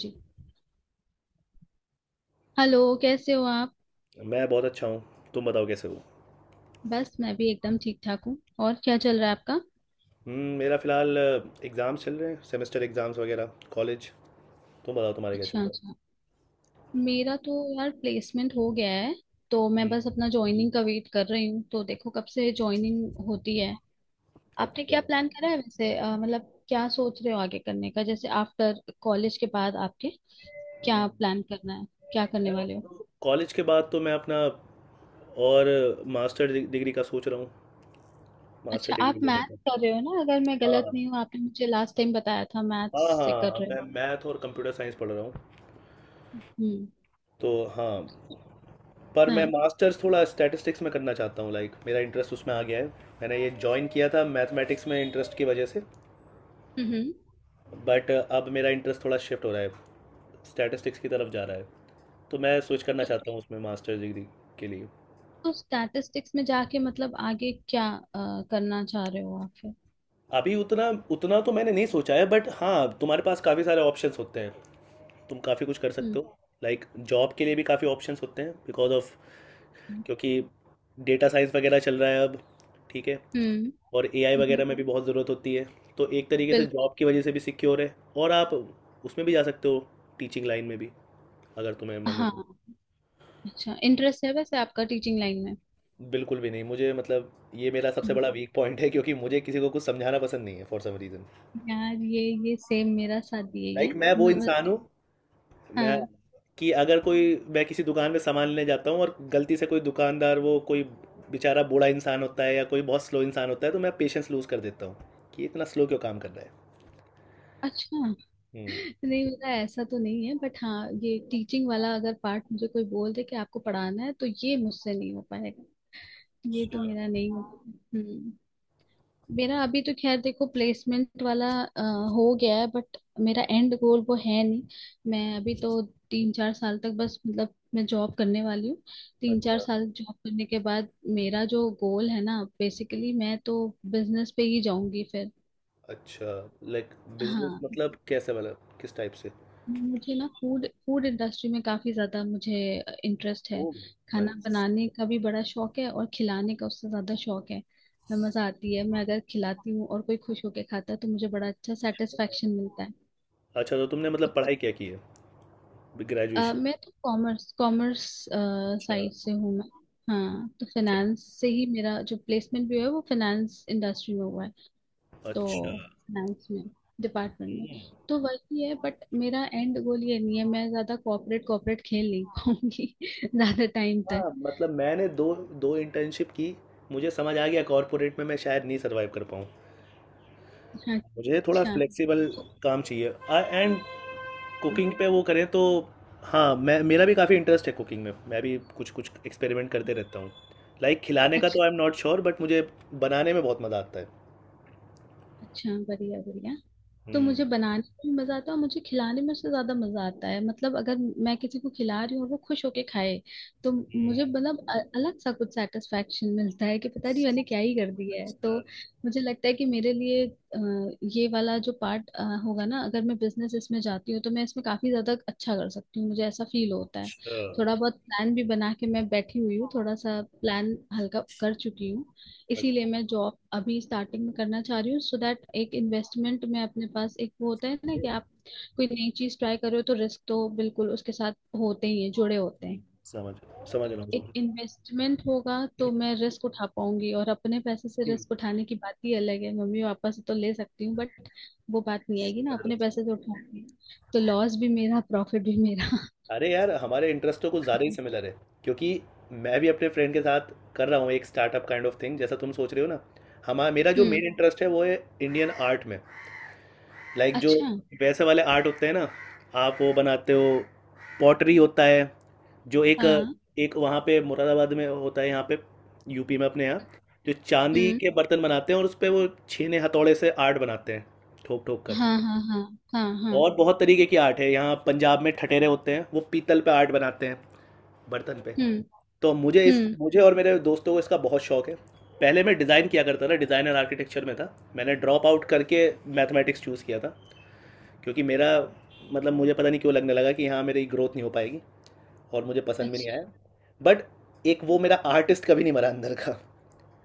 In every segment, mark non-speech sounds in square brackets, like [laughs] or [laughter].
जी। Hello, कैसे हो आप? मैं बहुत अच्छा हूँ। तुम बताओ कैसे हो। बस मैं भी एकदम ठीक ठाक हूँ। और क्या चल रहा है आपका? मेरा फ़िलहाल एग्ज़ाम्स चल रहे हैं, सेमेस्टर एग्ज़ाम्स वगैरह कॉलेज। तुम बताओ तुम्हारे क्या चल अच्छा, रहा है। अच्छा। मेरा तो यार प्लेसमेंट हो गया है, तो मैं हम्म, बस अपना ज्वाइनिंग का वेट कर रही हूँ, तो देखो कब से ज्वाइनिंग होती है। आपने अच्छा। क्या प्लान करा है वैसे, मतलब क्या सोच रहे हो आगे करने का, जैसे आफ्टर कॉलेज के बाद आपके क्या हम्म, प्लान करना है? क्या करने मैं वाले हो? तो कॉलेज के बाद तो मैं अपना और मास्टर डिग्री का सोच रहा हूँ, मास्टर अच्छा, आप डिग्री लेने मैथ्स का। कर रहे हो ना, अगर मैं गलत हाँ। नहीं हूँ? आपने मुझे लास्ट टाइम बताया था हाँ मैथ्स से हाँ कर हाँ, रहे हो। मैं मैथ और कंप्यूटर साइंस पढ़ रहा हूँ। हम्म। तो हाँ, पर मैं हाँ। मास्टर्स थोड़ा स्टैटिस्टिक्स में करना चाहता हूँ, लाइक मेरा इंटरेस्ट उसमें आ गया है। मैंने ये ज्वाइन किया था मैथमेटिक्स में इंटरेस्ट की वजह से, हम्म। हम्म। बट अब मेरा इंटरेस्ट थोड़ा शिफ्ट हो रहा है, स्टैटिस्टिक्स की तरफ जा रहा है। तो मैं स्विच करना चाहता हूँ उसमें मास्टर्स डिग्री के लिए। तो स्टैटिस्टिक्स में जाके मतलब आगे क्या करना चाह रहे हो आप फिर? अभी उतना उतना तो मैंने नहीं सोचा है, बट हाँ, तुम्हारे पास काफ़ी सारे ऑप्शंस होते हैं, तुम काफ़ी कुछ कर हम्म। सकते हो। लाइक जॉब के लिए भी काफ़ी ऑप्शंस होते हैं बिकॉज ऑफ क्योंकि डेटा साइंस वगैरह चल रहा है अब। ठीक है। हम्म। और एआई हम्म। वगैरह में भी बहुत ज़रूरत होती है। तो एक तरीके से बिल्कुल। जॉब की वजह से भी सिक्योर है, और आप उसमें भी जा सकते हो, टीचिंग लाइन में भी अगर तुम्हें मन है तो। हाँ। अच्छा, इंटरेस्ट है वैसे आपका टीचिंग लाइन में? बिल्कुल भी नहीं मुझे, मतलब ये मेरा सबसे हम्म। बड़ा वीक पॉइंट है क्योंकि मुझे किसी को कुछ समझाना पसंद नहीं है फॉर सम रीज़न। यार, ये सेम मेरा साथ ये है लाइक मैं वो इंसान हूँ, मैं हाँ। कि अगर कोई मैं किसी दुकान में सामान लेने जाता हूँ और गलती से कोई दुकानदार वो कोई बेचारा बूढ़ा इंसान होता है या कोई बहुत स्लो इंसान होता है, तो मैं पेशेंस लूज़ कर देता हूँ कि ये इतना स्लो क्यों काम कर रहा है। अच्छा। हम्म। [laughs] नहीं, मेरा ऐसा तो नहीं है, बट हाँ, ये टीचिंग वाला अगर पार्ट मुझे कोई बोल दे कि आपको पढ़ाना है तो ये मुझसे नहीं हो पाएगा। ये तो मेरा नहीं है। हम्म। मेरा अभी तो खैर देखो, प्लेसमेंट वाला हो गया है बट मेरा एंड गोल वो है नहीं। मैं अभी तो तीन चार साल तक बस मतलब मैं जॉब करने वाली हूँ। तीन चार अच्छा साल जॉब करने के बाद मेरा जो गोल है ना, बेसिकली मैं तो बिजनेस पे ही जाऊंगी फिर। अच्छा। लाइक बिजनेस हाँ। मतलब कैसे वाला, किस टाइप से। मुझे ना फूड फूड इंडस्ट्री में काफी ज्यादा मुझे इंटरेस्ट है। ओ। खाना नाइस। बनाने का भी बड़ा शौक है और खिलाने का उससे ज्यादा शौक है, तो मजा आती है, मैं अगर खिलाती हूँ और कोई खुश होके खाता है तो मुझे बड़ा अच्छा सेटिस्फेक्शन मिलता है। अच्छा तो तुमने मतलब पढ़ाई क्या की है, ग्रेजुएशन। मैं तो कॉमर्स कॉमर्स अच्छा। साइड से हूँ मैं। हाँ, तो फाइनेंस से ही मेरा जो प्लेसमेंट भी हुआ है वो फाइनेंस इंडस्ट्री में हुआ है। तो अच्छा। फाइनेंस में, डिपार्टमेंट में। अच्छा। तो वही है बट मेरा एंड गोल ये नहीं है, मैं ज्यादा कॉर्पोरेट कॉर्पोरेट खेल नहीं पाऊंगी [laughs] ज्यादा टाइम तक। हाँ, मतलब मैंने दो दो इंटर्नशिप की, मुझे समझ आ गया कॉर्पोरेट में मैं शायद नहीं सरवाइव कर पाऊँ। हाँ, मुझे थोड़ा अच्छा फ्लेक्सिबल तो- काम चाहिए, एंड हाँ। कुकिंग पे वो करें तो। हाँ, मैं मेरा भी काफ़ी इंटरेस्ट है कुकिंग में, मैं भी कुछ कुछ एक्सपेरिमेंट करते रहता हूँ। लाइक खिलाने का अच्छा, तो I am not sure, but मुझे बनाने में बहुत मज़ा आता है। अच्छा। बढ़िया, बढ़िया। तो हम्म। मुझे बनाने में भी मजा आता है और मुझे खिलाने में उससे ज्यादा मजा आता है, मतलब अगर मैं किसी को खिला रही हूँ और वो खुश होके खाए तो मुझे हम्म, मतलब अलग सा कुछ सेटिस्फेक्शन मिलता है कि पता नहीं मैंने क्या ही कर दिया है तो। अच्छा। मुझे लगता है कि मेरे लिए ये वाला जो पार्ट होगा ना, अगर मैं बिजनेस इसमें जाती हूँ तो मैं इसमें काफी ज्यादा अच्छा कर सकती हूँ, मुझे ऐसा फील होता है। अच्छा। थोड़ा बहुत प्लान भी बना के मैं बैठी हुई हूँ, थोड़ा सा प्लान हल्का कर चुकी हूँ। इसीलिए अच्छा, मैं जॉब अभी स्टार्टिंग में करना चाह रही हूँ, सो दैट एक इन्वेस्टमेंट में अपने पास एक वो होता है ना कि आप कोई नई चीज ट्राई करो तो रिस्क तो बिल्कुल उसके साथ होते ही है, जुड़े होते हैं। हम्म, समझ समझ रहा हूँ, एक समझ। इन्वेस्टमेंट होगा तो मैं रिस्क उठा पाऊंगी, और अपने पैसे से हम्म, रिस्क उठाने की बात ही अलग है, मम्मी पापा से तो ले सकती हूँ बट वो बात नहीं आएगी ना, समझ रहा अपने हूँ। पैसे से उठाऊंगी। तो लॉस भी मेरा, प्रॉफिट भी मेरा। अरे यार, हमारे इंटरेस्ट तो कुछ ज़्यादा ही सिमिलर है, क्योंकि मैं भी अपने फ्रेंड के साथ कर रहा हूँ एक स्टार्टअप काइंड ऑफ थिंग, जैसा तुम सोच रहे हो ना। हमारा मेरा जो हम्म। मेन इंटरेस्ट है वो है इंडियन आर्ट में। लाइक जो अच्छा। वैसे वाले आर्ट होते हैं ना, आप वो बनाते हो। पॉटरी होता है, जो एक हाँ। एक वहाँ पे मुरादाबाद में होता है, यहाँ पे यूपी में अपने यहाँ, जो चांदी हम्म। के बर्तन बनाते हैं और उस पे वो छेने हथौड़े से आर्ट बनाते हैं, ठोक ठोक कर। हाँ। हाँ। हाँ। हाँ। हाँ। और बहुत तरीके की आर्ट है, यहाँ पंजाब में ठठेरे होते हैं, वो पीतल पे आर्ट बनाते हैं, बर्तन पे। हम्म। तो हम्म। मुझे और मेरे दोस्तों को इसका बहुत शौक है। पहले मैं डिज़ाइन किया करता था, डिज़ाइन एंड आर्किटेक्चर में था। मैंने ड्रॉप आउट करके मैथमेटिक्स चूज़ किया था क्योंकि मेरा मतलब मुझे पता नहीं क्यों लगने लगा कि हाँ, मेरी ग्रोथ नहीं हो पाएगी और मुझे पसंद भी नहीं आया। बट एक वो मेरा आर्टिस्ट कभी नहीं मरा अंदर का।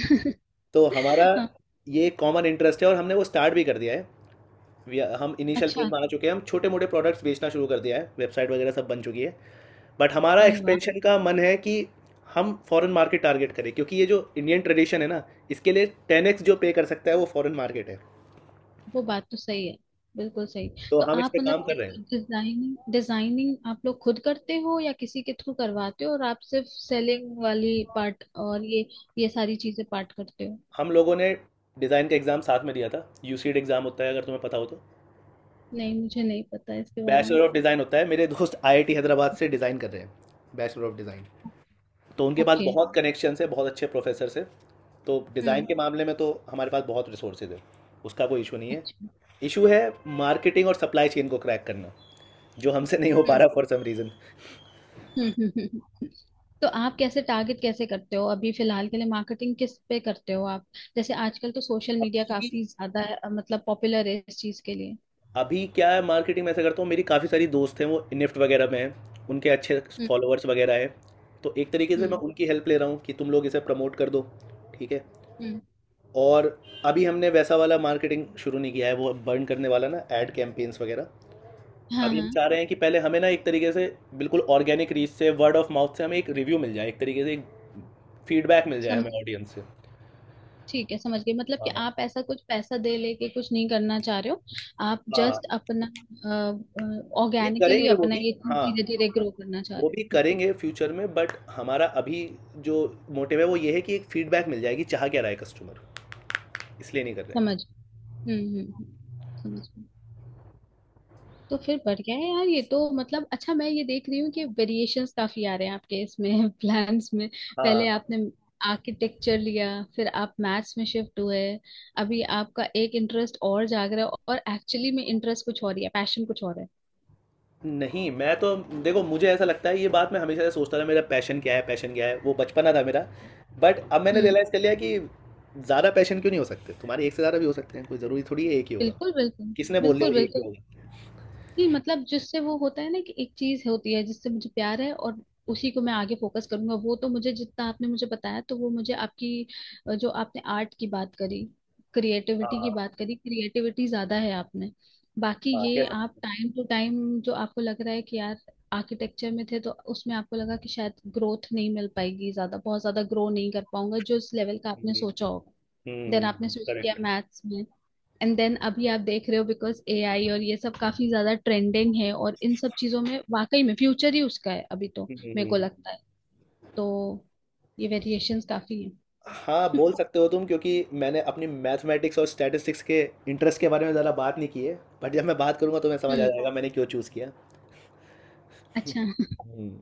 अच्छा। तो हमारा [laughs] ये कॉमन इंटरेस्ट है और हमने वो स्टार्ट भी कर दिया है। हम इनिशियल अच्छा। फेज में आ चुके हैं, हम छोटे मोटे प्रोडक्ट्स बेचना शुरू कर दिया है, वेबसाइट वगैरह सब बन चुकी है। बट हमारा अरे वाह, एक्सपेंशन का मन है कि हम फॉरेन मार्केट टारगेट करें, क्योंकि ये जो इंडियन ट्रेडिशन है ना, इसके लिए टेन एक्स जो पे कर सकता है वो फॉरेन मार्केट है। वो बात तो सही है, बिल्कुल सही। तो तो हम इस आप पे मतलब काम कर रहे कैसे हैं। डिजाइनिंग डिजाइनिंग आप लोग खुद करते हो या किसी के थ्रू करवाते हो, और आप सिर्फ सेलिंग वाली पार्ट और ये सारी चीजें पार्ट करते हो? हम लोगों ने डिज़ाइन का एग्ज़ाम साथ में दिया था, यू सी डी एग्ज़ाम होता है, अगर तुम्हें पता हो तो। नहीं, मुझे नहीं पता इसके बारे में। बैचलर ऑफ डिज़ाइन होता है, मेरे दोस्त आई आई टी हैदराबाद से डिज़ाइन कर रहे हैं, बैचलर ऑफ डिज़ाइन। तो उनके पास ओके। बहुत कनेक्शन है, बहुत अच्छे प्रोफेसर से। तो डिज़ाइन हम्म। के मामले में तो हमारे पास बहुत रिसोर्सेज है, उसका कोई इशू नहीं है। अच्छा। इशू है मार्केटिंग और सप्लाई चेन को क्रैक करना, जो हमसे नहीं हो पा हम्म। रहा फॉर सम रीज़न। हम्म। तो आप कैसे टारगेट कैसे करते हो अभी फिलहाल के लिए? मार्केटिंग किस पे करते हो आप? जैसे आजकल तो सोशल मीडिया अभी काफी ज्यादा मतलब पॉपुलर है इस चीज के लिए। अभी क्या है, मार्केटिंग में ऐसा करता हूँ, मेरी काफ़ी सारी दोस्त हैं, वो निफ्ट वगैरह में हैं। उनके अच्छे हम्म। फॉलोअर्स वगैरह हैं। तो एक तरीके से मैं हम्म। उनकी हेल्प ले रहा हूँ कि तुम लोग इसे प्रमोट कर दो, ठीक है? हम्म। और अभी हमने वैसा वाला मार्केटिंग शुरू नहीं किया है, वो बर्न करने वाला ना, ऐड कैंपेन्स वगैरह। हाँ। अभी हम हाँ। चाह रहे हैं कि पहले हमें ना एक तरीके से बिल्कुल ऑर्गेनिक रीच से, वर्ड ऑफ माउथ से हमें एक रिव्यू मिल जाए, एक तरीके से एक फीडबैक मिल जाए हमें समझ। ऑडियंस से। ठीक है, समझ गई, मतलब कि हाँ, आप ऐसा कुछ पैसा दे लेके कुछ नहीं करना चाह रहे हो, आप जस्ट हाँ। अपना नहीं, ऑर्गेनिकली करेंगे वो अपना भी। ये चीज हाँ, धीरे धीरे ग्रो करना चाह वो रहे भी हो। करेंगे फ्यूचर में, बट हमारा अभी जो मोटिव है वो ये है कि एक फीडबैक मिल जाएगी चाह क्या रहा है कस्टमर, इसलिए नहीं कर रहे हैं। समझ। हम्म हम्म हम्म, समझ गई। तो फिर बढ़िया है यार ये तो, मतलब अच्छा मैं ये देख रही हूँ कि वेरिएशंस काफी आ रहे हैं आपके इसमें [laughs] प्लान्स में। पहले आपने हाँ। आर्किटेक्चर लिया, फिर आप मैथ्स में शिफ्ट हुए, अभी आपका एक इंटरेस्ट और जाग रहा है, और एक्चुअली में इंटरेस्ट कुछ और ही है, पैशन कुछ और है। नहीं, मैं तो देखो मुझे ऐसा लगता है, ये बात मैं हमेशा से सोचता था मेरा पैशन क्या है, पैशन क्या है, वो बचपना था मेरा। बट अब मैंने हम्म, रियलाइज़ कर लिया कि ज़्यादा पैशन क्यों नहीं हो सकते, तुम्हारे एक से ज़्यादा भी हो सकते हैं, कोई ज़रूरी थोड़ी है एक ही होगा। बिल्कुल बिल्कुल। किसने बोल दिया बिल्कुल एक ही बिल्कुल। होगा। नहीं मतलब जिससे वो होता है ना कि एक चीज होती है जिससे मुझे प्यार है और उसी को मैं आगे फोकस करूंगा, वो तो मुझे जितना आपने मुझे बताया, तो वो मुझे आपकी जो आपने आर्ट की बात करी, हाँ क्रिएटिविटी की हाँ बात करी, क्रिएटिविटी ज्यादा है आपने। बाकी हाँ, ये कह आप सकते टाइम टू टाइम जो आपको लग रहा है कि यार, आर्किटेक्चर में थे तो उसमें आपको लगा कि शायद ग्रोथ नहीं मिल पाएगी ज्यादा, बहुत ज्यादा ग्रो नहीं कर पाऊंगा जो इस लेवल का आपने हैं। सोचा होगा। देन आपने हम्म, स्विच किया करेक्ट। मैथ्स में, एंड देन अभी आप देख रहे हो बिकॉज एआई और ये सब काफी ज्यादा ट्रेंडिंग है और इन सब चीजों में वाकई में फ्यूचर ही उसका है अभी, तो correct. मेरे को लगता है। हम्म। तो ये वेरिएशंस काफी है। हाँ, बोल सकते हो तुम, क्योंकि मैंने अपनी मैथमेटिक्स और स्टैटिस्टिक्स के इंटरेस्ट के बारे में ज़्यादा बात नहीं की है। बट जब मैं बात करूंगा तो मैं [laughs] समझ आ हम्म। जाएगा मैंने क्यों चूज़ किया। अच्छा। हम्म।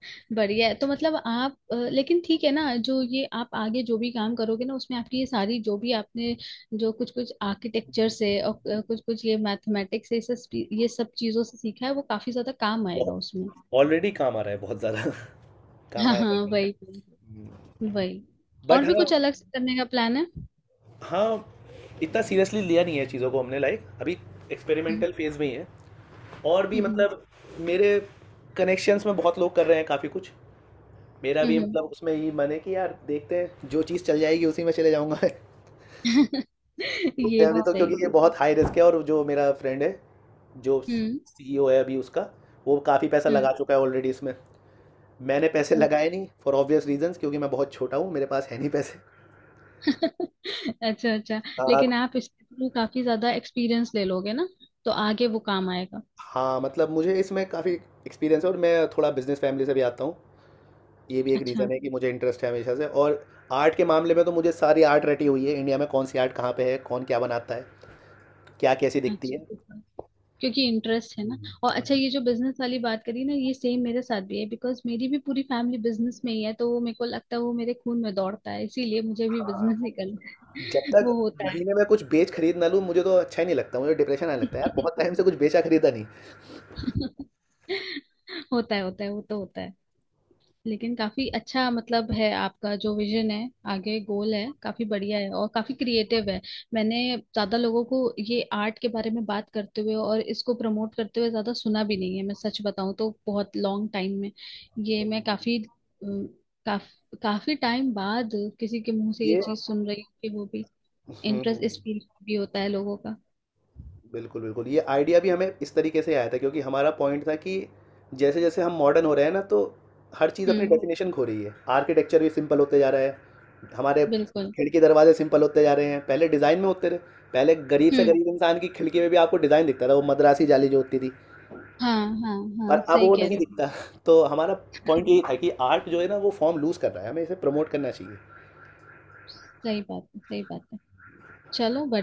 [laughs] बढ़िया है। तो मतलब आप लेकिन ठीक है ना, जो ये आप आगे जो भी काम करोगे ना उसमें आपकी ये सारी जो भी आपने, जो कुछ कुछ आर्किटेक्चर से और कुछ कुछ ये मैथमेटिक्स से ये सब चीजों से सीखा है वो काफी ज्यादा काम आएगा उसमें। ऑलरेडी काम आ रहा है बहुत ज़्यादा [laughs] [laughs] काम हाँ आया हाँ, रहता है। वही वही। वही। बट और भी हाँ। कुछ अलग से करने का प्लान है? हाँ, इतना सीरियसली लिया नहीं है चीज़ों को हमने, लाइक अभी हम्म एक्सपेरिमेंटल फेज में ही है। और भी हम्म मतलब मेरे कनेक्शंस में बहुत लोग कर रहे हैं काफ़ी कुछ, मेरा हम्म, भी हम्म। मतलब उसमें ही मन है कि यार देखते हैं जो चीज़ चल जाएगी उसी में चले जाऊंगा [laughs] [laughs] देखते ये हैं अभी भी तो, सही क्योंकि ये है। बहुत हाई रिस्क है। और जो मेरा फ्रेंड है, जो हम्म। सीईओ है अभी उसका, वो काफ़ी पैसा हम्म। लगा चुका है ऑलरेडी इसमें। मैंने पैसे [laughs] ओ। लगाए नहीं फॉर ऑब्वियस रीजंस, क्योंकि मैं बहुत छोटा हूँ, मेरे पास है नहीं पैसे। अच्छा, अच्छा। हाँ। लेकिन आप इसके थ्रू काफी ज्यादा एक्सपीरियंस ले लोगे ना, तो आगे वो काम आएगा। हाँ, मतलब मुझे इसमें काफ़ी एक्सपीरियंस है, और मैं थोड़ा बिजनेस फैमिली से भी आता हूँ, ये भी एक अच्छा, रीज़न है कि मुझे इंटरेस्ट है हमेशा से। और आर्ट के मामले में तो मुझे सारी आर्ट रटी हुई है, इंडिया में कौन सी आर्ट कहाँ पे है, कौन क्या बनाता है, क्या कैसी दिखती है। अच्छा। क्योंकि इंटरेस्ट है ना। और हम्म, अच्छा, ये जो बिजनेस वाली बात करी ना, ये सेम मेरे साथ भी है बिकॉज मेरी भी पूरी फैमिली बिजनेस में ही है, तो वो मेरे को लगता है वो मेरे खून में दौड़ता है, इसीलिए मुझे भी बिजनेस ही हाँ, करना जब है। [laughs] तक वो होता महीने में कुछ बेच खरीद ना लूँ मुझे तो अच्छा ही नहीं लगता, मुझे डिप्रेशन आने है। लगता है यार [laughs] बहुत टाइम से कुछ बेचा खरीदा नहीं। [laughs] होता है होता है, वो तो होता है। लेकिन काफी अच्छा मतलब है, आपका जो विजन है आगे, गोल है, काफी बढ़िया है और काफी क्रिएटिव है। मैंने ज्यादा लोगों को ये आर्ट के बारे में बात करते हुए और इसको प्रमोट करते हुए ज्यादा सुना भी नहीं है, मैं सच बताऊं तो बहुत लॉन्ग टाइम में, ये मैं काफी अम, काफ, काफी टाइम बाद किसी के मुंह से ये ये। चीज सुन रही हूँ कि वो भी हम्म। इंटरेस्ट इस फील्ड भी होता है लोगों का। बिल्कुल बिल्कुल, ये आइडिया भी हमें इस तरीके से आया था, क्योंकि हमारा पॉइंट था कि जैसे जैसे हम मॉडर्न हो रहे हैं ना, तो हर चीज़ अपनी हम्म। डेफिनेशन खो रही है, आर्किटेक्चर भी सिंपल होते जा रहा है, हमारे बिल्कुल। खिड़की दरवाजे सिंपल होते जा रहे हैं, पहले डिज़ाइन में होते रहे। पहले गरीब से हम्म। गरीब इंसान की खिड़की में भी आपको डिज़ाइन दिखता था, वो मद्रासी जाली जो होती थी। हाँ, हाँ, पर हाँ अब सही वो कह नहीं रहे दिखता। तो हमारा पॉइंट हो। यही था कि आर्ट जो है ना, वो फॉर्म लूज़ कर रहा है, हमें इसे प्रमोट करना चाहिए। सही बात है, सही बात है। चलो, बढ़िया।